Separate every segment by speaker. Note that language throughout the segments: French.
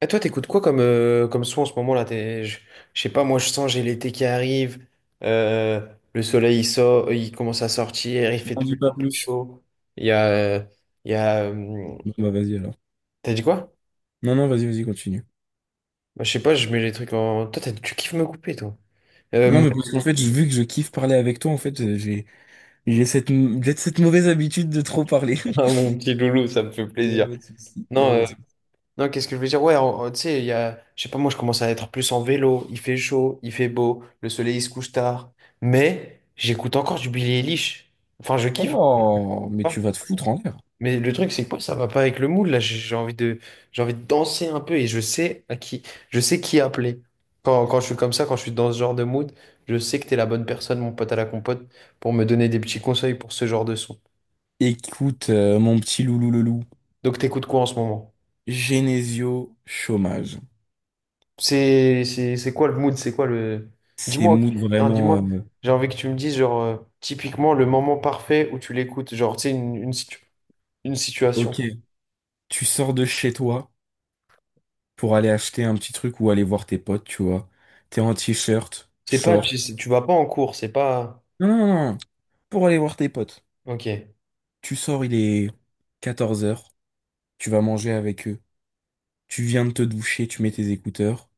Speaker 1: Et toi, t'écoutes quoi comme, comme son en ce moment là? Je sais pas, moi je sens, j'ai l'été qui arrive, euh, le soleil il sort, il commence à sortir, il fait
Speaker 2: N'en
Speaker 1: de
Speaker 2: dit
Speaker 1: plus en
Speaker 2: pas
Speaker 1: plus
Speaker 2: plus.
Speaker 1: chaud. Il y a. euh, il y a
Speaker 2: Bon, bah vas-y alors.
Speaker 1: T'as dit quoi?
Speaker 2: Non, non, vas-y, vas-y, continue.
Speaker 1: Bah, je sais pas, je mets les trucs en. Toi, tu kiffes me couper, toi.
Speaker 2: Non,
Speaker 1: Euh,
Speaker 2: mais parce qu'en fait, j'ai vu que je kiffe parler avec toi, en fait, j'ai cette mauvaise habitude de trop parler.
Speaker 1: ah, mon petit loulou, ça me fait
Speaker 2: Y
Speaker 1: plaisir.
Speaker 2: pas de souci, y pas
Speaker 1: Non,
Speaker 2: de
Speaker 1: euh,
Speaker 2: souci.
Speaker 1: non, qu'est-ce que je veux dire? Ouais, tu sais, il y a. Je sais pas, moi je commence à être plus en vélo, il fait chaud, il fait beau, le soleil il se couche tard. Mais j'écoute encore du Billie Eilish. Enfin, je kiffe.
Speaker 2: Oh, mais tu vas te foutre en l'air.
Speaker 1: Mais le truc, c'est que moi, ça va pas avec le mood. Là, j'ai envie de, j'ai envie de danser un peu et je sais à qui, je sais qui appeler. Quand je suis comme ça, quand je suis dans ce genre de mood, je sais que t'es la bonne personne, mon pote à la compote, pour me donner des petits conseils pour ce genre de son.
Speaker 2: Écoute, mon petit loulou le loup.
Speaker 1: Donc, t'écoutes quoi en ce moment?
Speaker 2: Genesio chômage.
Speaker 1: C'est quoi le mood? C'est quoi le...
Speaker 2: C'est
Speaker 1: Dis-moi, ok.
Speaker 2: mood
Speaker 1: Non,
Speaker 2: vraiment,
Speaker 1: dis-moi, j'ai envie que tu me dises, genre, typiquement, le moment parfait où tu l'écoutes. Genre, tu sais, une situation.
Speaker 2: ok, tu sors de chez toi pour aller acheter un petit truc ou aller voir tes potes, tu vois. T'es en t-shirt,
Speaker 1: C'est pas, tu,
Speaker 2: short.
Speaker 1: tu vas pas en cours, c'est pas...
Speaker 2: Non, non, non, pour aller voir tes potes.
Speaker 1: Ok.
Speaker 2: Tu sors, il est 14 heures, tu vas manger avec eux, tu viens de te doucher, tu mets tes écouteurs,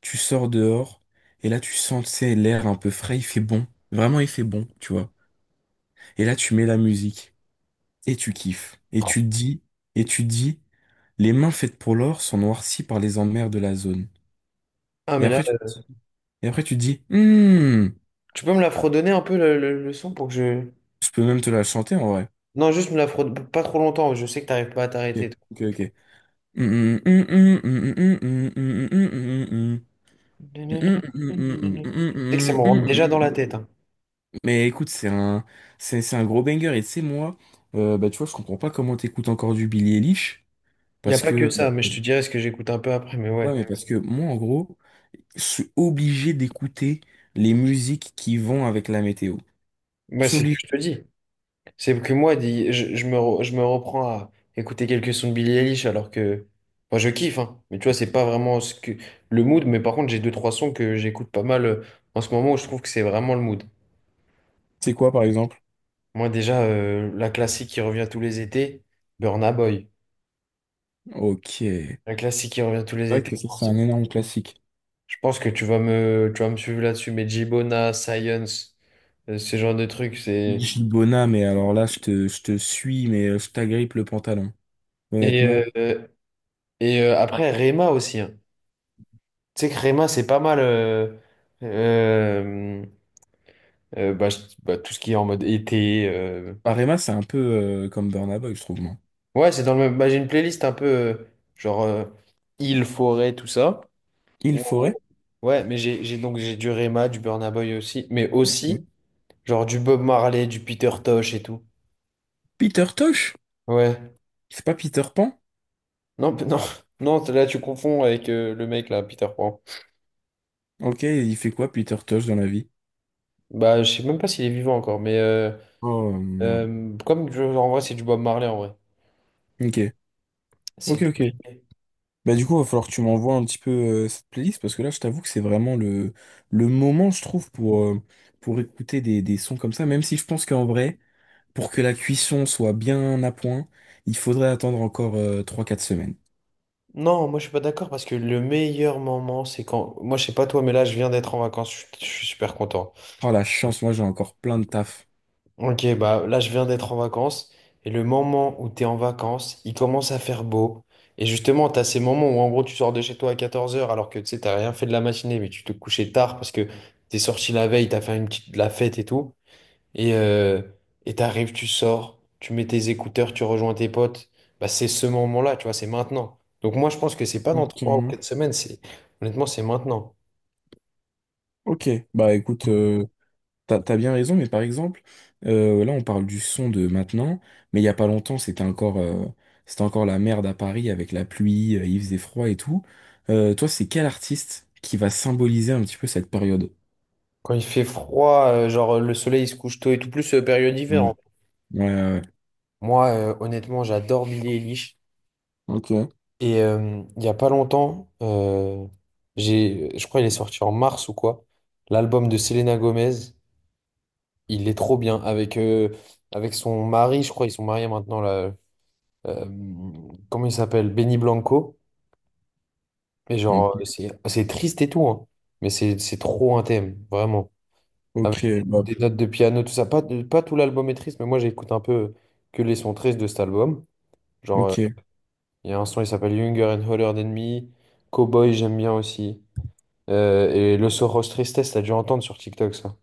Speaker 2: tu sors dehors, et là tu sens, tu sais, l'air un peu frais, il fait bon, vraiment il fait bon, tu vois. Et là tu mets la musique, et tu kiffes, et tu te dis, et tu te dis, les mains faites pour l'or sont noircies par les emmers de la zone.
Speaker 1: Ah,
Speaker 2: Et
Speaker 1: mais là...
Speaker 2: après tu, et après tu te dis, hmm,
Speaker 1: Tu peux me la fredonner un peu le, le son pour que je.
Speaker 2: je peux même te la chanter en vrai.
Speaker 1: Non, juste me la fredonne pas trop longtemps, je sais que t'arrives pas à
Speaker 2: Ok,
Speaker 1: t'arrêter, toi.
Speaker 2: ok, ok.
Speaker 1: Tu
Speaker 2: Mm, mm, mm, mm, mm,
Speaker 1: sais que ça me
Speaker 2: mm, mm,
Speaker 1: rentre déjà dans
Speaker 2: mm,
Speaker 1: la
Speaker 2: mm.
Speaker 1: tête.
Speaker 2: Mais écoute, c'est un gros banger. Et tu sais, moi, bah, tu vois, je comprends pas comment t'écoutes encore du Billie Eilish.
Speaker 1: Il n'y a
Speaker 2: Parce
Speaker 1: pas que
Speaker 2: que,
Speaker 1: ça, mais
Speaker 2: euh,
Speaker 1: je te dirai ce que j'écoute un peu après. Mais
Speaker 2: ouais,
Speaker 1: ouais,
Speaker 2: mais parce que moi, en gros, je suis obligé d'écouter les musiques qui vont avec la météo. Je
Speaker 1: moi
Speaker 2: suis
Speaker 1: c'est ce que
Speaker 2: obligé.
Speaker 1: je te dis. C'est que moi, je me reprends à écouter quelques sons de Billie Eilish alors que. Moi, je kiffe, hein. Mais tu vois, c'est pas vraiment ce que... le mood, mais par contre, j'ai deux, trois sons que j'écoute pas mal en ce moment où je trouve que c'est vraiment le mood.
Speaker 2: C'est quoi, par exemple?
Speaker 1: Moi, déjà, la classique qui revient tous les étés, Burna Boy.
Speaker 2: Ok. C'est
Speaker 1: Un classique qui revient tous les
Speaker 2: vrai
Speaker 1: étés,
Speaker 2: que ça, c'est un
Speaker 1: forcément.
Speaker 2: énorme classique.
Speaker 1: Je pense que tu vas me suivre là-dessus, mais Gibona Science, ce genre de trucs, c'est...
Speaker 2: Gibona, mais alors là, je te suis, mais je t'agrippe le pantalon.
Speaker 1: Et,
Speaker 2: Honnêtement.
Speaker 1: euh, après, Rema aussi, hein. Tu sais que Rema, c'est pas mal... euh, bah, bah, tout ce qui est en mode été...
Speaker 2: Parema, c'est un peu comme Burna Boy, je trouve, moi.
Speaker 1: Ouais, c'est dans le même... bah, j'ai une playlist un peu genre euh, île, forêt, tout ça.
Speaker 2: Il
Speaker 1: Ou en gros,
Speaker 2: faudrait.
Speaker 1: ouais, mais j'ai du Rema, du Burna Boy aussi, mais aussi genre du Bob Marley, du Peter Tosh et tout.
Speaker 2: Peter Tosh?
Speaker 1: Ouais.
Speaker 2: C'est pas Peter Pan?
Speaker 1: Non, non, là tu confonds avec le mec là, Peter Pan.
Speaker 2: Ok, il fait quoi Peter Tosh dans la vie?
Speaker 1: Bah, je sais même pas s'il est vivant encore, mais
Speaker 2: Oh merde.
Speaker 1: en vrai, c'est du Bob Marley en vrai.
Speaker 2: Ok,
Speaker 1: C'est
Speaker 2: ok,
Speaker 1: du
Speaker 2: ok.
Speaker 1: reggae.
Speaker 2: Bah du coup, va falloir que tu m'envoies un petit peu cette playlist parce que là, je t'avoue que c'est vraiment le moment, je trouve, pour écouter des sons comme ça. Même si je pense qu'en vrai, pour que la cuisson soit bien à point, il faudrait attendre encore 3 4 semaines.
Speaker 1: Non, moi je suis pas d'accord parce que le meilleur moment, c'est quand. Moi je sais pas toi, mais là je viens d'être en vacances, je suis super content.
Speaker 2: Oh la chance, moi j'ai encore plein de taf.
Speaker 1: Ok, bah là je viens d'être en vacances et le moment où t'es en vacances, il commence à faire beau. Et justement, t'as ces moments où en gros tu sors de chez toi à 14 heures alors que tu sais, t'as rien fait de la matinée, mais tu te couchais tard parce que t'es sorti la veille, t'as fait une petite de la fête et tout. Et euh, et t'arrives, tu sors, tu mets tes écouteurs, tu rejoins tes potes. Bah, c'est ce moment-là, tu vois, c'est maintenant. Donc moi, je pense que c'est pas dans trois ou quatre
Speaker 2: Ok.
Speaker 1: semaines, c'est honnêtement, c'est maintenant.
Speaker 2: Ok, bah écoute, t'as bien raison, mais par exemple, là on parle du son de maintenant, mais il y a pas longtemps c'était encore la merde à Paris avec la pluie, il faisait froid et tout. Toi, c'est quel artiste qui va symboliser un petit peu cette période?
Speaker 1: Quand il fait froid, le soleil il se couche tôt et tout, plus période hiver,
Speaker 2: Ouais.
Speaker 1: hein.
Speaker 2: Ouais, ouais,
Speaker 1: Moi, honnêtement, j'adore Billy Eilish.
Speaker 2: ok. Ouais.
Speaker 1: Et il y a pas longtemps, j'ai, je crois il est sorti en mars ou quoi, l'album de Selena Gomez. Il est trop bien avec avec son mari, je crois, ils sont mariés maintenant là. euh, Comment il s'appelle? Benny Blanco. Et genre, c'est triste et tout, hein. Mais c'est trop un thème, vraiment. Avec
Speaker 2: Ok, bah,
Speaker 1: des notes de piano, tout ça. Pas, pas tout l'album est triste, mais moi j'écoute un peu que les sons tristes de cet album. Genre,
Speaker 2: ok.
Speaker 1: il y a un son, il s'appelle Younger and Hotter Than Me. Cowboy, j'aime bien aussi. Le Soros Tristesse, t'as dû entendre sur TikTok ça.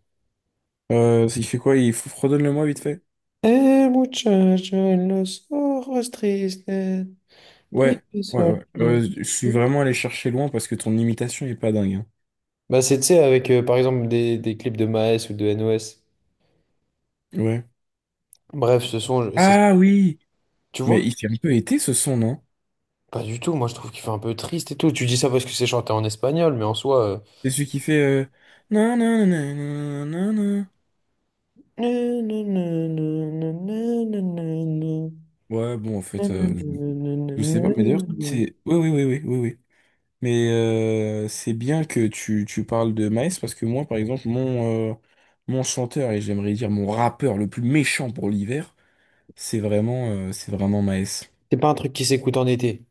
Speaker 2: Il fait quoi? Redonne-le-moi vite fait.
Speaker 1: Eh, muchacho, el Los Ojos vive
Speaker 2: Ouais, ouais,
Speaker 1: solo.
Speaker 2: ouais. Je suis vraiment allé chercher loin parce que ton imitation est pas dingue, hein.
Speaker 1: Bah, c'est, tu sais, avec, par exemple, des clips de Maes ou de NOS.
Speaker 2: Ouais.
Speaker 1: Bref, ce son, c'est,
Speaker 2: Ah oui!
Speaker 1: tu
Speaker 2: Mais
Speaker 1: vois?
Speaker 2: il fait un peu été ce son, non?
Speaker 1: Pas du tout. Moi, je trouve qu'il fait un peu triste et tout. Tu dis ça parce que c'est chanté en espagnol, mais en soi...
Speaker 2: C'est celui qui fait nan, nan, nan, nan, nan, nan.
Speaker 1: euh,
Speaker 2: Ouais, bon, en fait, je sais pas, mais d'ailleurs, c'est. Oui, oui, oui, oui, oui, oui. Mais c'est bien que tu parles de Maes parce que moi, par exemple, mon chanteur et j'aimerais dire mon rappeur le plus méchant pour l'hiver, c'est vraiment Maes.
Speaker 1: c'est pas un truc qui s'écoute en été.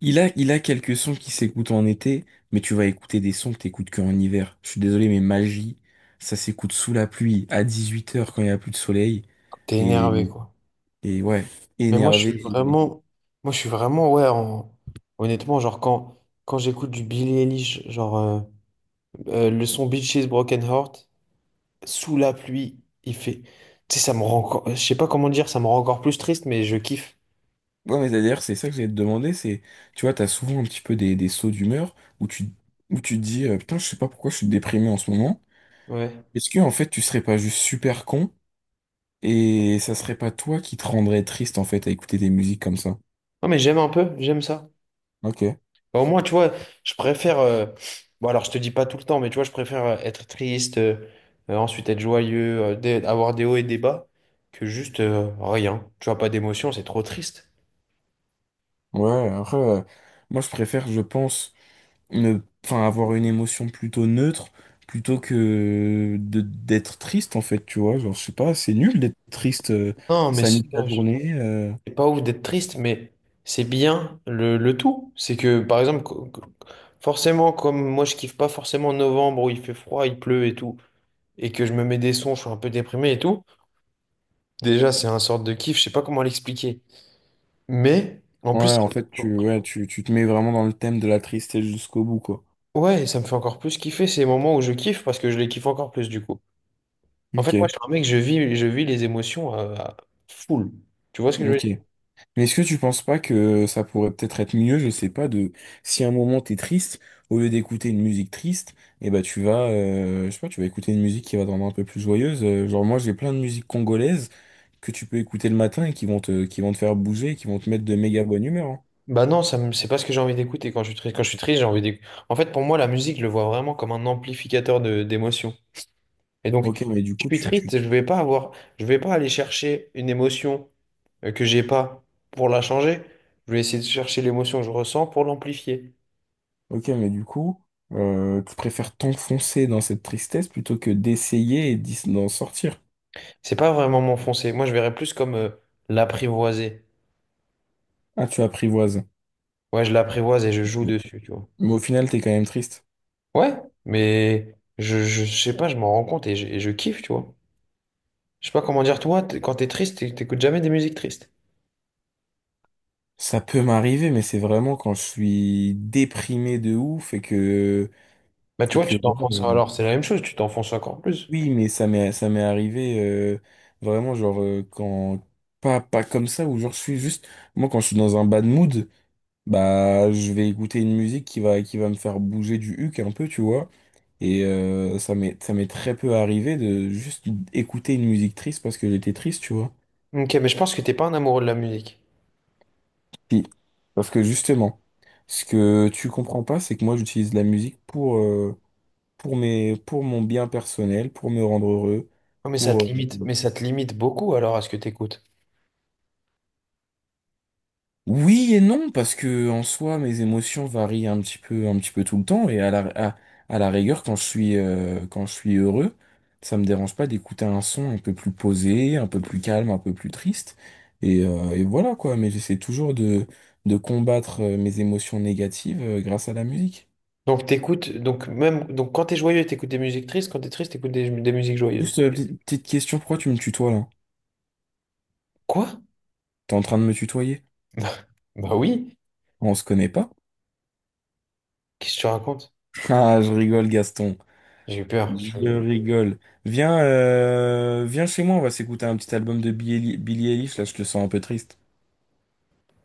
Speaker 2: Il a quelques sons qui s'écoutent en été, mais tu vas écouter des sons que t'écoutes qu'en hiver. Je suis désolé, mais Magie, ça s'écoute sous la pluie, à 18 heures quand il n'y a plus de soleil.
Speaker 1: T'es
Speaker 2: et
Speaker 1: énervé, quoi.
Speaker 2: Et ouais,
Speaker 1: Mais moi, je
Speaker 2: énervé.
Speaker 1: suis vraiment, moi, je suis vraiment, ouais, honnêtement, genre, quand j'écoute du Billie Eilish, genre, le son Bitches Broken Heart, sous la pluie, il fait, tu sais, ça me rend encore, je sais pas comment dire, ça me rend encore plus triste, mais je kiffe.
Speaker 2: Ouais, mais d'ailleurs, c'est ça que j'allais te demander, c'est, tu vois, t'as souvent un petit peu des sauts d'humeur où tu, où tu te dis, putain, je sais pas pourquoi je suis déprimé en ce moment.
Speaker 1: Ouais.
Speaker 2: Est-ce que, en fait, tu serais pas juste super con et ça serait pas toi qui te rendrais triste, en fait, à écouter des musiques comme ça?
Speaker 1: Non, mais j'aime un peu, j'aime ça.
Speaker 2: Ok.
Speaker 1: Bah, au moins, tu vois, je préfère, bon, alors, je te dis pas tout le temps, mais tu vois, je préfère être triste, ensuite être joyeux, avoir des hauts et des bas, que juste, rien. Tu vois, pas d'émotion, c'est trop triste.
Speaker 2: Ouais, après, moi, je préfère, je pense, ne, enfin, avoir une émotion plutôt neutre plutôt que d'être triste, en fait, tu vois. Genre, je sais pas, c'est nul d'être triste,
Speaker 1: Non, mais
Speaker 2: ça
Speaker 1: c'est...
Speaker 2: nique la
Speaker 1: non,
Speaker 2: journée.
Speaker 1: c'est pas ouf d'être triste, mais c'est bien le tout. C'est que, par exemple, forcément, comme moi, je kiffe pas forcément novembre où il fait froid, il pleut et tout, et que je me mets des sons, je suis un peu déprimé et tout. Déjà, c'est un sorte de kiff, je sais pas comment l'expliquer. Mais, en plus,
Speaker 2: Ouais,
Speaker 1: ça
Speaker 2: en
Speaker 1: me fait
Speaker 2: fait,
Speaker 1: encore plus-
Speaker 2: ouais, tu te mets vraiment dans le thème de la tristesse jusqu'au bout, quoi.
Speaker 1: ouais, ça me fait encore plus kiffer ces moments où je kiffe parce que je les kiffe encore plus du coup. En
Speaker 2: Ok,
Speaker 1: fait, moi, je suis un mec, je vis les émotions à full. Tu vois ce que je veux
Speaker 2: ok.
Speaker 1: dire?
Speaker 2: Mais est-ce que tu penses pas que ça pourrait peut-être être mieux, je sais pas, de si à un moment t'es triste, au lieu d'écouter une musique triste, et ben tu vas, je sais pas, tu vas écouter une musique qui va te rendre un peu plus joyeuse. Genre moi, j'ai plein de musiques congolaises que tu peux écouter le matin et qui vont qui vont te faire bouger, et qui vont te mettre de méga bonne humeur, hein.
Speaker 1: Bah non, c'est pas ce que j'ai envie d'écouter quand je suis triste. Quand je suis triste, j'ai envie d'écouter. En fait, pour moi, la musique, je le vois vraiment comme un amplificateur de d'émotions. Et donc, si
Speaker 2: Ok, mais du
Speaker 1: je
Speaker 2: coup,
Speaker 1: suis
Speaker 2: tu, tu,
Speaker 1: triste, je vais pas avoir, je vais pas aller chercher une émotion que j'ai pas pour la changer. Je vais essayer de chercher l'émotion que je ressens pour l'amplifier.
Speaker 2: ok, mais du coup, tu préfères t'enfoncer dans cette tristesse plutôt que d'essayer et d'en sortir.
Speaker 1: C'est pas vraiment m'enfoncer. Moi, je verrais plus comme l'apprivoiser.
Speaker 2: Ah, tu apprivoises.
Speaker 1: Ouais, je l'apprivoise et je joue
Speaker 2: Oui.
Speaker 1: dessus, tu vois.
Speaker 2: Mais au final, t'es quand même triste.
Speaker 1: Ouais, mais je sais pas, je m'en rends compte et et je kiffe, tu vois. Je sais pas comment dire, toi, quand t'es triste, t'écoutes jamais des musiques tristes.
Speaker 2: Ça peut m'arriver, mais c'est vraiment quand je suis déprimé de ouf et que,
Speaker 1: Bah tu vois, tu
Speaker 2: voilà,
Speaker 1: t'enfonces alors, c'est la même chose, tu t'enfonces encore plus.
Speaker 2: oui, mais ça m'est arrivé, vraiment, genre, pas comme ça, où genre, je suis juste, moi, quand je suis dans un bad mood, bah, je vais écouter une musique qui va me faire bouger du huc un peu, tu vois. Et, ça m'est très peu arrivé de juste écouter une musique triste parce que j'étais triste, tu vois.
Speaker 1: Ok, mais je pense que t'es pas un amoureux de la musique.
Speaker 2: Si. Parce que justement, ce que tu comprends pas, c'est que moi j'utilise la musique pour, pour mon bien personnel, pour me rendre heureux.
Speaker 1: Non, mais ça
Speaker 2: pour...
Speaker 1: te
Speaker 2: euh,
Speaker 1: limite, mais ça te limite beaucoup alors à ce que t'écoutes.
Speaker 2: Oui et non, parce que en soi, mes émotions varient un petit peu tout le temps, et à, à la rigueur, quand je suis heureux, ça me dérange pas d'écouter un son un peu plus posé, un peu plus calme, un peu plus triste, et voilà quoi, mais j'essaie toujours de combattre mes émotions négatives, grâce à la musique.
Speaker 1: Donc t'écoutes, donc même, donc quand t'es joyeux, t'écoutes des musiques tristes, quand t'es triste, t'écoutes des musiques joyeuses.
Speaker 2: Juste, petite petite question, pourquoi tu me tutoies là?
Speaker 1: Quoi?
Speaker 2: T'es en train de me tutoyer?
Speaker 1: Bah oui,
Speaker 2: On se connaît pas?
Speaker 1: qu'est-ce que tu racontes?
Speaker 2: Ah, je rigole, Gaston.
Speaker 1: J'ai eu peur.
Speaker 2: Je rigole. Viens chez moi, on va s'écouter un petit album de Billie Eilish, là, je te sens un peu triste.